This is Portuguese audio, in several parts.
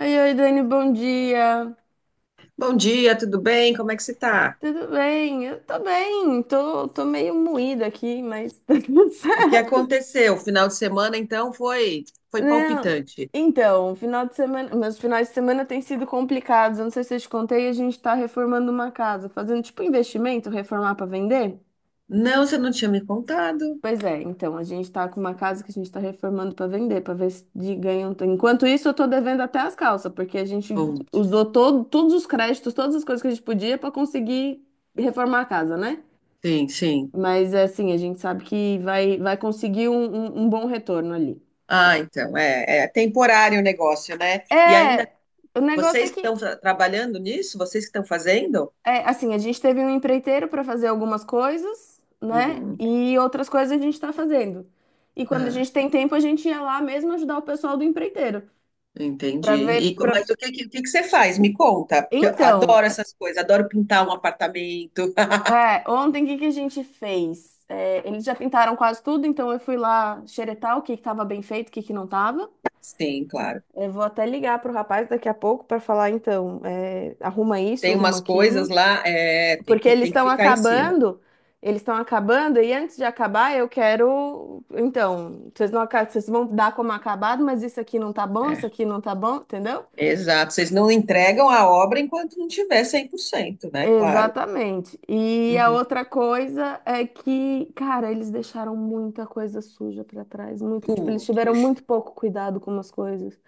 Oi, oi, Dani, bom dia. Bom dia, tudo bem? Como é que você tá? Tudo bem? Eu tô bem, tô meio moída aqui, mas tá tudo O que certo. aconteceu? O final de semana, então, foi foi Não, palpitante. então, final de semana, meus finais de semana têm sido complicados. Eu não sei se eu te contei, a gente tá reformando uma casa, fazendo tipo investimento, reformar pra vender. Não, você não tinha me contado. Pois é, então, a gente tá com uma casa que a gente tá reformando pra vender, pra ver se de ganha um... Enquanto isso, eu tô devendo até as calças, porque a gente Putz. usou todos os créditos, todas as coisas que a gente podia pra conseguir reformar a casa, né? Sim, sim. Mas assim, a gente sabe que vai conseguir um bom retorno ali. Ah, então, é temporário o negócio, né? E ainda, É, o negócio vocês é que que, estão trabalhando nisso, vocês que estão fazendo? é, assim, a gente teve um empreiteiro para fazer algumas coisas, né? Uhum. E outras coisas a gente está fazendo. E quando a Ah, gente tem tempo, a gente ia lá mesmo ajudar o pessoal do empreiteiro entendi. para E ver. co- Pra... mas o o que que você faz? Me conta, porque eu Então, adoro essas coisas, adoro pintar um apartamento. é, ontem o que que a gente fez? É, eles já pintaram quase tudo, então eu fui lá xeretar o que que estava bem feito, o que que não estava. Sim, claro. Eu vou até ligar pro rapaz daqui a pouco para falar, então, é, arruma isso, Tem arruma umas coisas aquilo, lá, tem porque tem que ficar em cima. Eles estão acabando, e antes de acabar, eu quero, então, vocês não, vocês vão dar como acabado, mas isso aqui não tá bom, isso É. aqui não tá bom, entendeu? Exato, vocês não entregam a obra enquanto não tiver 100%, né? Claro. Exatamente. E a Uhum. outra coisa é que, cara, eles deixaram muita coisa suja pra trás, muito, tipo, eles tiveram Putz, muito pouco cuidado com as coisas.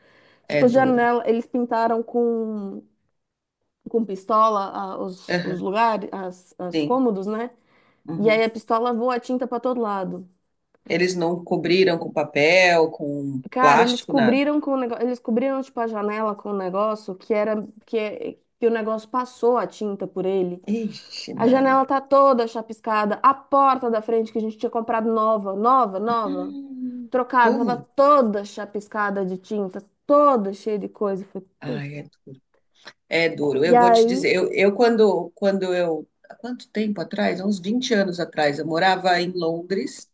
é Tipo, duro. janela, eles pintaram com pistola os Aham, lugares, as sim. cômodos, né? E aí Uhum. a pistola voa a tinta pra todo lado. Eles não cobriram com papel, com Cara, eles plástico, nada. cobriram com o negócio, eles cobriram tipo a janela com o negócio que era que, é- que o negócio passou a tinta por ele. Ixi, A Maria. janela tá toda chapiscada, a porta da frente que a gente tinha comprado nova, nova, nova, Hum, trocada, tava Putz. toda chapiscada de tinta, toda cheia de coisa. Eu falei, "Puta." Ai, é duro. É duro. E Eu vou te aí, dizer, eu quando, quando eu, há quanto tempo atrás? Há uns 20 anos atrás, eu morava em Londres.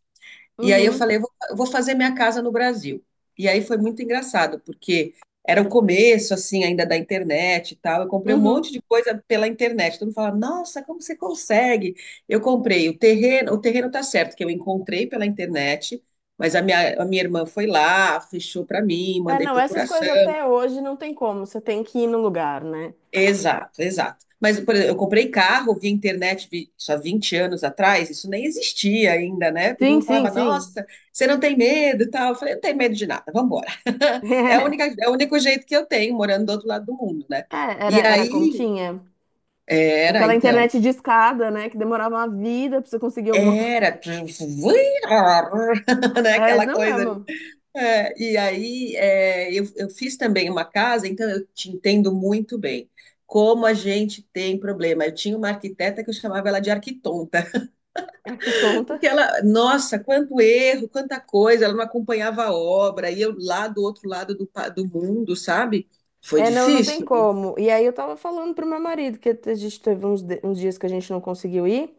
E aí eu uhum, falei, eu vou fazer minha casa no Brasil. E aí foi muito engraçado, porque era o começo, assim, ainda da internet e tal. Eu comprei um uhum. monte de coisa pela internet. Todo mundo fala, nossa, como você consegue? Eu comprei o terreno tá certo, que eu encontrei pela internet, mas a minha irmã foi lá, fechou para mim, É, mandei não, essas coisas procuração. até hoje não tem como, você tem que ir no lugar, né? Exato, exato. Mas, por exemplo, eu comprei carro via internet vi, isso há anos atrás, isso nem existia ainda, né? Todo Sim, mundo sim, falava, sim. nossa, você não tem medo e tal. Eu falei, não tenho medo de nada, vamos embora. É a única, é o único jeito que eu tenho, morando do outro lado do mundo, né? É, era, E era como aí, tinha. era, Aquela então, internet de escada, né? Que demorava uma vida pra você conseguir alguma coisa. era, né? É, Aquela não coisa. mesmo. É, e aí, é, eu fiz também uma casa, então eu te entendo muito bem. Como a gente tem problema. Eu tinha uma arquiteta que eu chamava ela de arquitonta, Ah, que tonta. porque ela, nossa, quanto erro, quanta coisa, ela não acompanhava a obra, e eu lá do outro lado do, do mundo, sabe? Foi É, não, não tem difícil. como. E aí eu tava falando pro meu marido que a gente teve uns dias que a gente não conseguiu ir.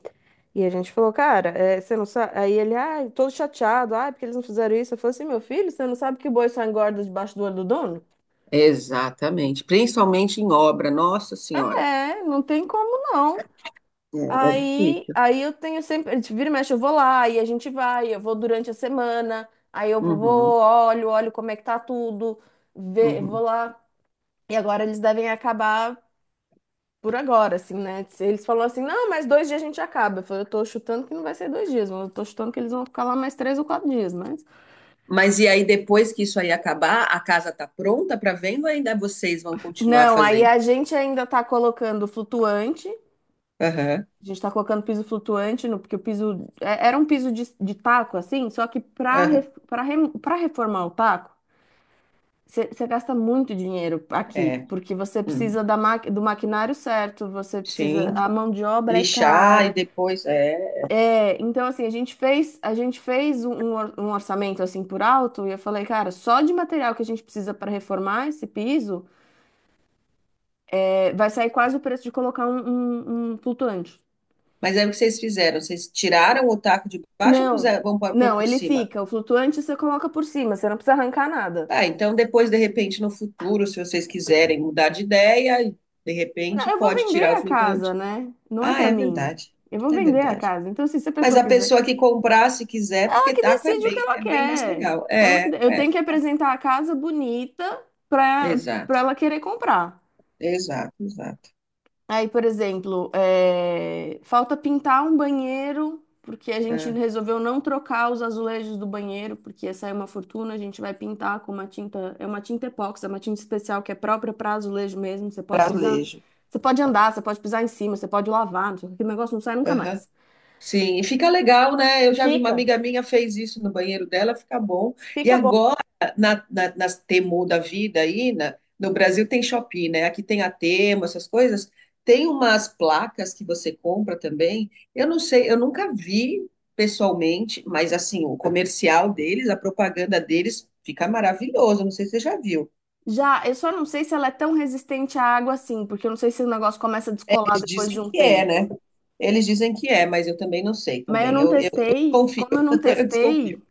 E a gente falou, cara, é, você não sabe. Aí ele, ah, todo chateado, ah, porque eles não fizeram isso. Eu falei assim, meu filho, você não sabe que o boi só engorda debaixo do olho do dono? Exatamente, principalmente em obra, nossa senhora. É, não tem como não. É, é Aí, difícil. aí eu tenho sempre, a gente vira e mexe, eu vou lá, aí a gente vai, eu vou durante a semana, aí eu Uhum, vou, olho, olho como é que tá tudo, vê, vou uhum. lá. E agora eles devem acabar por agora, assim, né? Se eles falaram assim, não, mas dois dias a gente acaba. Eu falei, eu tô chutando que não vai ser dois dias, mas eu tô chutando que eles vão ficar lá mais três ou quatro dias, mas... Mas e aí, depois que isso aí acabar, a casa tá pronta para venda ou ainda vocês vão continuar Não, aí fazendo? a gente ainda tá colocando flutuante, a Aham, gente tá colocando piso flutuante, no, porque o piso... Era um piso de taco, assim, só que pra, aham, pra reformar o taco, você gasta muito dinheiro aqui, é. porque você Hum, precisa da do maquinário certo, você sim, precisa, a mão de obra é lixar e cara. depois, é. É, então assim, a gente fez um, um orçamento assim por alto e eu falei, cara, só de material que a gente precisa para reformar esse piso, é, vai sair quase o preço de colocar um, um flutuante. Mas é o que vocês fizeram, vocês tiraram o taco de baixo e Não, puseram, vão pôr não, por ele cima. fica. O flutuante você coloca por cima, você não precisa arrancar nada. Tá, então depois, de repente, no futuro, se vocês quiserem mudar de ideia, de Não, repente eu vou pode tirar vender o a casa, flutuante. né? Não é Ah, para é mim. verdade, Eu vou é vender a verdade. casa. Então, assim, se a Mas pessoa a quiser pessoa que comprar, se quiser, ela porque que taco decide o que ela é bem mais quer. legal. Eu tenho que apresentar a casa bonita para para Exato. ela querer comprar. Exato, exato. Aí, por exemplo, é, falta pintar um banheiro, porque a gente É, resolveu não trocar os azulejos do banheiro, porque ia sair uma fortuna. A gente vai pintar com uma tinta, é uma tinta epóxi, é uma tinta especial que é própria para azulejo mesmo. Você pode pisar, azulejo. você pode andar, você pode pisar em cima, você pode lavar, não sei o que, aquele negócio não sai nunca Aham. mais. Sim, e fica legal, né? Eu já vi uma Fica. amiga minha fez isso no banheiro dela, fica bom. E Fica. agora, nas Temu da vida aí, no Brasil tem Shopee, né? Aqui tem a Temu, essas coisas. Tem umas placas que você compra também. Eu não sei, eu nunca vi pessoalmente, mas assim, o comercial deles, a propaganda deles fica maravilhoso. Não sei se você já viu. Já, eu só não sei se ela é tão resistente à água assim, porque eu não sei se o negócio começa a descolar Eles depois dizem de um que é, tempo. né? Eles dizem que é, mas eu também não sei Mas eu também. não Eu testei. confio, Como eu não eu desconfio. testei,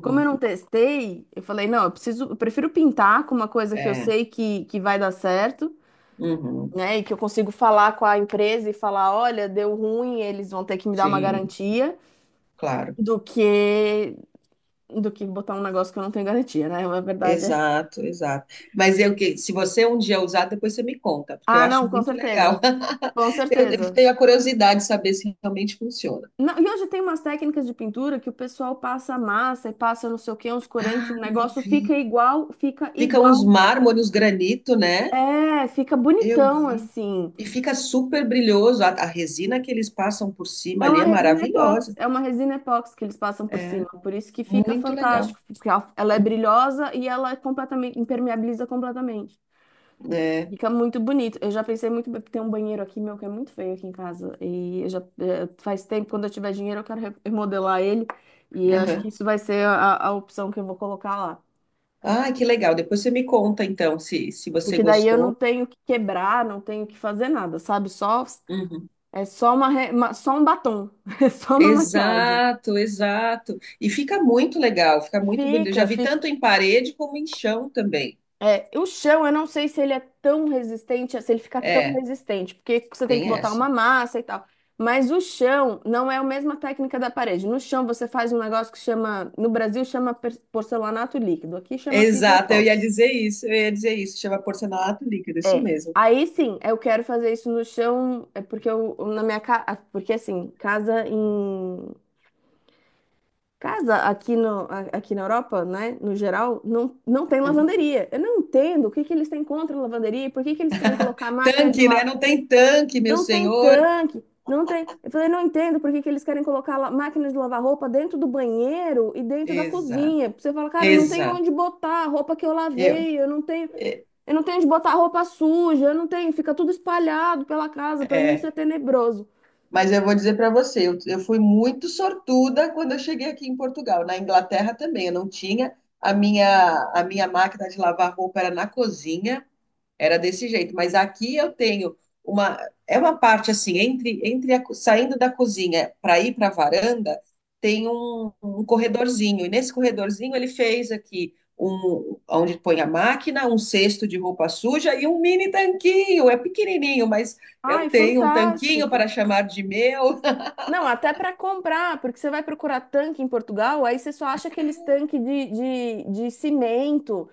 como eu não testei, eu falei, não, eu preciso, eu prefiro pintar com uma coisa que eu é, sei que vai dar certo, uhum, né? E que eu consigo falar com a empresa e falar, olha, deu ruim, eles vão ter que me dar uma sim, garantia, claro. do que do que botar um negócio que eu não tenho garantia, né? A verdade é. Exato, exato. Mas eu que se você um dia usar, depois você me conta, porque eu Ah, acho não, com muito legal. certeza. Com eu certeza. tenho a curiosidade de saber se realmente funciona. Não, e hoje tem umas técnicas de pintura que o pessoal passa massa e passa não sei o que, uns corantes, Ah, o eu negócio fica vi. igual, fica Fica igual. uns mármore, uns granito, né? É, fica Eu bonitão vi. assim. E fica super brilhoso. A resina que eles passam por cima É ali uma é resina epóxi, maravilhosa. é uma resina epóxi que eles passam por É cima, por isso que fica muito legal. fantástico, porque ela é brilhosa e ela é completamente impermeabiliza completamente. É. Fica muito bonito. Eu já pensei muito bem, tem um banheiro aqui meu que é muito feio aqui em casa e eu já faz tempo quando eu tiver dinheiro eu quero remodelar ele e acho que Aham. isso vai ser a opção que eu vou colocar lá. Ai, que legal. Depois você me conta, então, se você Porque daí eu não gostou. tenho que quebrar, não tenho que fazer nada, sabe? Só Uhum. é só uma, só um batom, é só uma maquiagem. Exato, exato. E fica muito legal, fica muito bonito. Eu já Fica, vi fica. tanto em parede como em chão também. É, o chão, eu não sei se ele é tão resistente, se ele fica tão É, resistente, porque você tem que tem botar uma essa. massa e tal. Mas o chão não é a mesma técnica da parede. No chão você faz um negócio que chama, no Brasil chama porcelanato líquido, aqui chama piso Exato, eu ia epóxi. dizer isso, eu ia dizer isso. Chama porcelanato líquido, isso É. mesmo. Aí sim, eu quero fazer isso no chão, é porque eu na minha casa, porque assim, casa em casa aqui no aqui na Europa, né, no geral, não tem Uhum. lavanderia. Eu não entendo o que que eles têm contra a lavanderia, e por que que eles querem colocar a máquina de Tanque, né? lavar? Não tem tanque, meu Não tem senhor. tanque, não tem. Eu falei, não entendo por que que eles querem colocar máquina de lavar roupa dentro do banheiro e dentro da Exato, cozinha. Você fala, cara, não tem exato. onde botar a roupa que eu Eu. lavei, eu não tenho de botar roupa suja, eu não tenho, fica tudo espalhado pela casa. Pra mim isso É. é tenebroso. Mas eu vou dizer para você, eu fui muito sortuda quando eu cheguei aqui em Portugal. Na Inglaterra também, eu não tinha. A minha máquina de lavar roupa era na cozinha. Era desse jeito, mas aqui eu tenho uma é uma parte assim entre saindo da cozinha para ir para a varanda, tem um corredorzinho e nesse corredorzinho ele fez aqui um onde põe a máquina, um cesto de roupa suja e um mini tanquinho. É pequenininho, mas eu Ai, tenho um tanquinho fantástico. para chamar de meu. Não, até pra comprar, porque você vai procurar tanque em Portugal, aí você só acha aqueles tanques de cimento.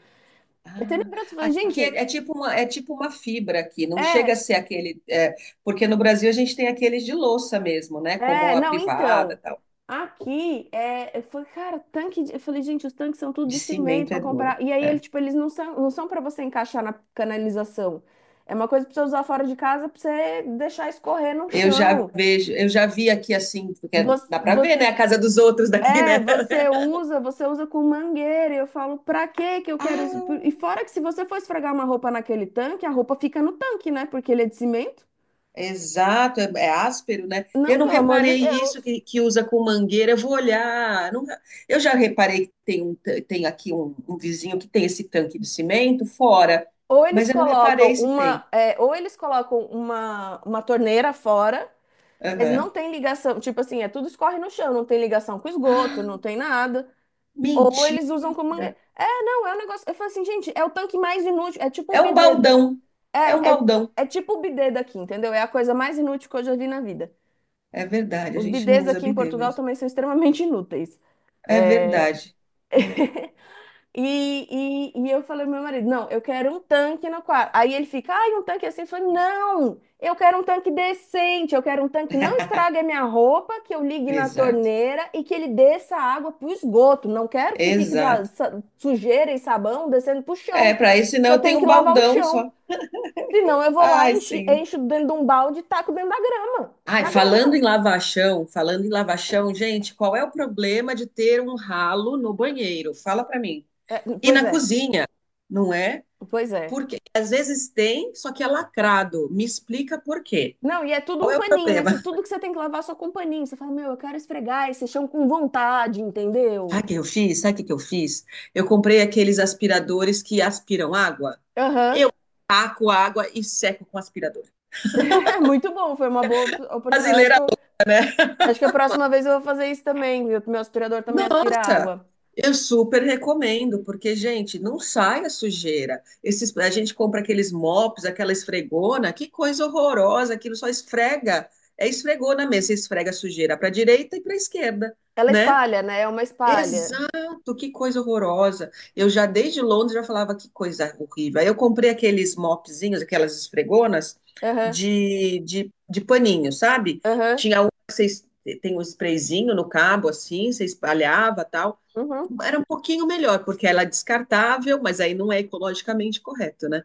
É tenebroso. Você Ah, fala, aqui é, gente, é tipo uma fibra aqui, não chega a é, ser aquele, é, porque no Brasil a gente tem aqueles de louça mesmo, né? Como é, a não, privada, então. tal. Aqui é, eu falei, cara, tanque de... Eu falei, gente, os tanques são tudo De de cimento cimento pra é duro. comprar. E aí ele, É. tipo, eles não são para você encaixar na canalização. É uma coisa pra você usar fora de casa pra você deixar escorrer no Eu já chão. vejo, eu já vi aqui assim, porque Você, dá para você, ver, né? A casa dos outros daqui, é, né? Você usa com mangueira. E eu falo, pra que que eu quero isso? E Ah, fora que se você for esfregar uma roupa naquele tanque, a roupa fica no tanque, né? Porque ele é de cimento. exato, é, é áspero, né? Eu Não, não pelo amor de reparei isso Deus. Que usa com mangueira, eu vou olhar. Eu já reparei que tem, um, tem aqui um vizinho que tem esse tanque de cimento fora, mas eu não reparei se tem. Ou eles colocam uma torneira fora, mas não Aham. tem ligação. Tipo assim, é tudo escorre no chão, não tem ligação com Ah, esgoto, não tem nada. Ou eles usam com mentira! mangueira. É, não, é um negócio. Eu falo assim, gente, é o tanque mais inútil. É tipo É o um bidê. baldão, é um É, é, baldão. é tipo o bidê daqui, entendeu? É a coisa mais inútil que eu já vi na vida. É verdade, a Os gente não bidês usa aqui em bidê Portugal mesmo. também são extremamente inúteis. É verdade. É. E eu falei pro meu marido, não, eu quero um tanque no quarto. Aí ele fica, ai, um tanque assim. Eu falei, não, eu quero um tanque decente, eu quero um tanque que não estrague a minha roupa, que eu ligue na Exato, torneira e que ele desça a água pro esgoto. Não quero que fique lá exato. Sujeira e sabão descendo pro É, chão, para isso, senão que eu eu tenho tenho que um lavar o baldão chão. só. Senão eu vou lá, Ai, senhor. encho dentro de um balde e taco dentro da grama. Ai, Na grama. Falando em lava chão, gente, qual é o problema de ter um ralo no banheiro? Fala pra mim. É, E pois na é, cozinha, não é? pois é. Porque às vezes tem, só que é lacrado. Me explica por quê. Não, e é tudo Qual um é o paninho, né? problema? Tudo que você tem que lavar é só com paninho. Você fala, meu, eu quero esfregar esse chão com vontade, entendeu? Sabe o que que eu fiz? Eu comprei aqueles aspiradores que aspiram água. Aham. Eu taco água e seco com aspirador. É muito bom, foi uma boa oportunidade. Acho que, Brasileira. Acho que a próxima vez eu vou fazer isso também, viu? Meu aspirador também aspira Nossa, água. eu super recomendo, porque, gente, não sai a sujeira. Esses, a gente compra aqueles mops, aquela esfregona, que coisa horrorosa, aquilo só esfrega. É esfregona mesmo, você esfrega a sujeira para a direita e para a esquerda, Ela né? espalha, né? É uma espalha. Exato, que coisa horrorosa. Eu já desde Londres já falava que coisa horrível. Aí eu comprei aqueles mopzinhos, aquelas esfregonas Aham, de paninho, sabe? aham, Tinha um que vocês tem um sprayzinho no cabo assim, você espalhava, tal. uhum. Era um pouquinho melhor, porque ela é descartável, mas aí não é ecologicamente correto, né?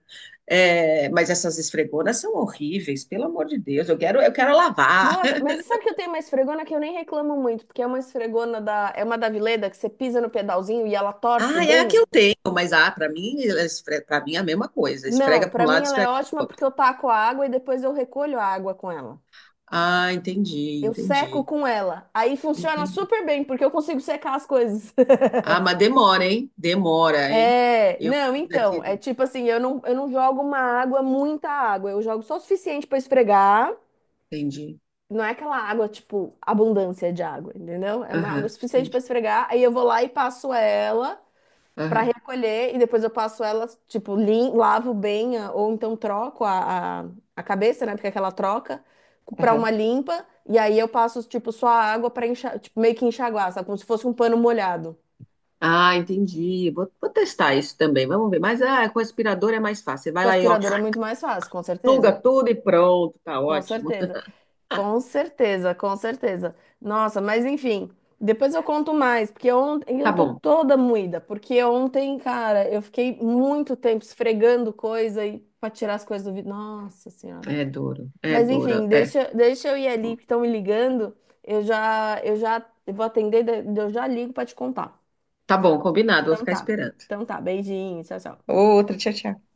É, mas essas esfregonas são horríveis, pelo amor de Deus. Eu quero lavar. Nossa, mas sabe que eu tenho uma esfregona que eu nem reclamo muito, porque é uma esfregona da, é uma da Vileda que você pisa no pedalzinho e ela torce Ah, é a que bem? eu tenho, mas ah, para mim é a mesma coisa. Esfrega Não, para um pra mim lado, ela é esfrega para ótima o outro. porque eu taco a água e depois eu recolho a água com ela. Ah, Eu seco com ela. Aí funciona entendi. super bem, porque eu consigo secar as coisas. Ah, mas demora, hein? Demora, hein? É, Eu não, então, daqui, é tipo assim, eu não jogo uma água, muita água, eu jogo só o suficiente pra esfregar. entendi. Não é aquela água, tipo, abundância de água, entendeu? É uma água Aham, suficiente entendi. pra esfregar, aí eu vou lá e passo ela. Para Aham, recolher e depois eu passo ela, tipo, lavo bem, ou então troco a cabeça, né? Porque é aquela troca, para aham. uma limpa, e aí eu passo, tipo, só a água para enxaguar, tipo, meio que enxaguar, sabe? Como se fosse um pano molhado. Ah, entendi. Vou testar isso também. Vamos ver. Mas ah, com aspirador é mais fácil. Você vai Com lá e ó, aspirador é muito mais fácil, com suga certeza. tudo e pronto. Tá Com ótimo. certeza. Com certeza. Nossa, mas enfim. Depois eu conto mais, porque ontem Tá eu tô bom. toda moída, porque ontem, cara, eu fiquei muito tempo esfregando coisa e para tirar as coisas do vidro. Nossa Senhora. É duro, é Mas enfim, duro. É. Deixa eu ir ali que estão me ligando. Eu vou atender, eu já ligo para te contar. Tá bom, combinado. Vou Então ficar tá. esperando. Então tá, beijinho, tchau, tchau. Outra, tchau, tchau.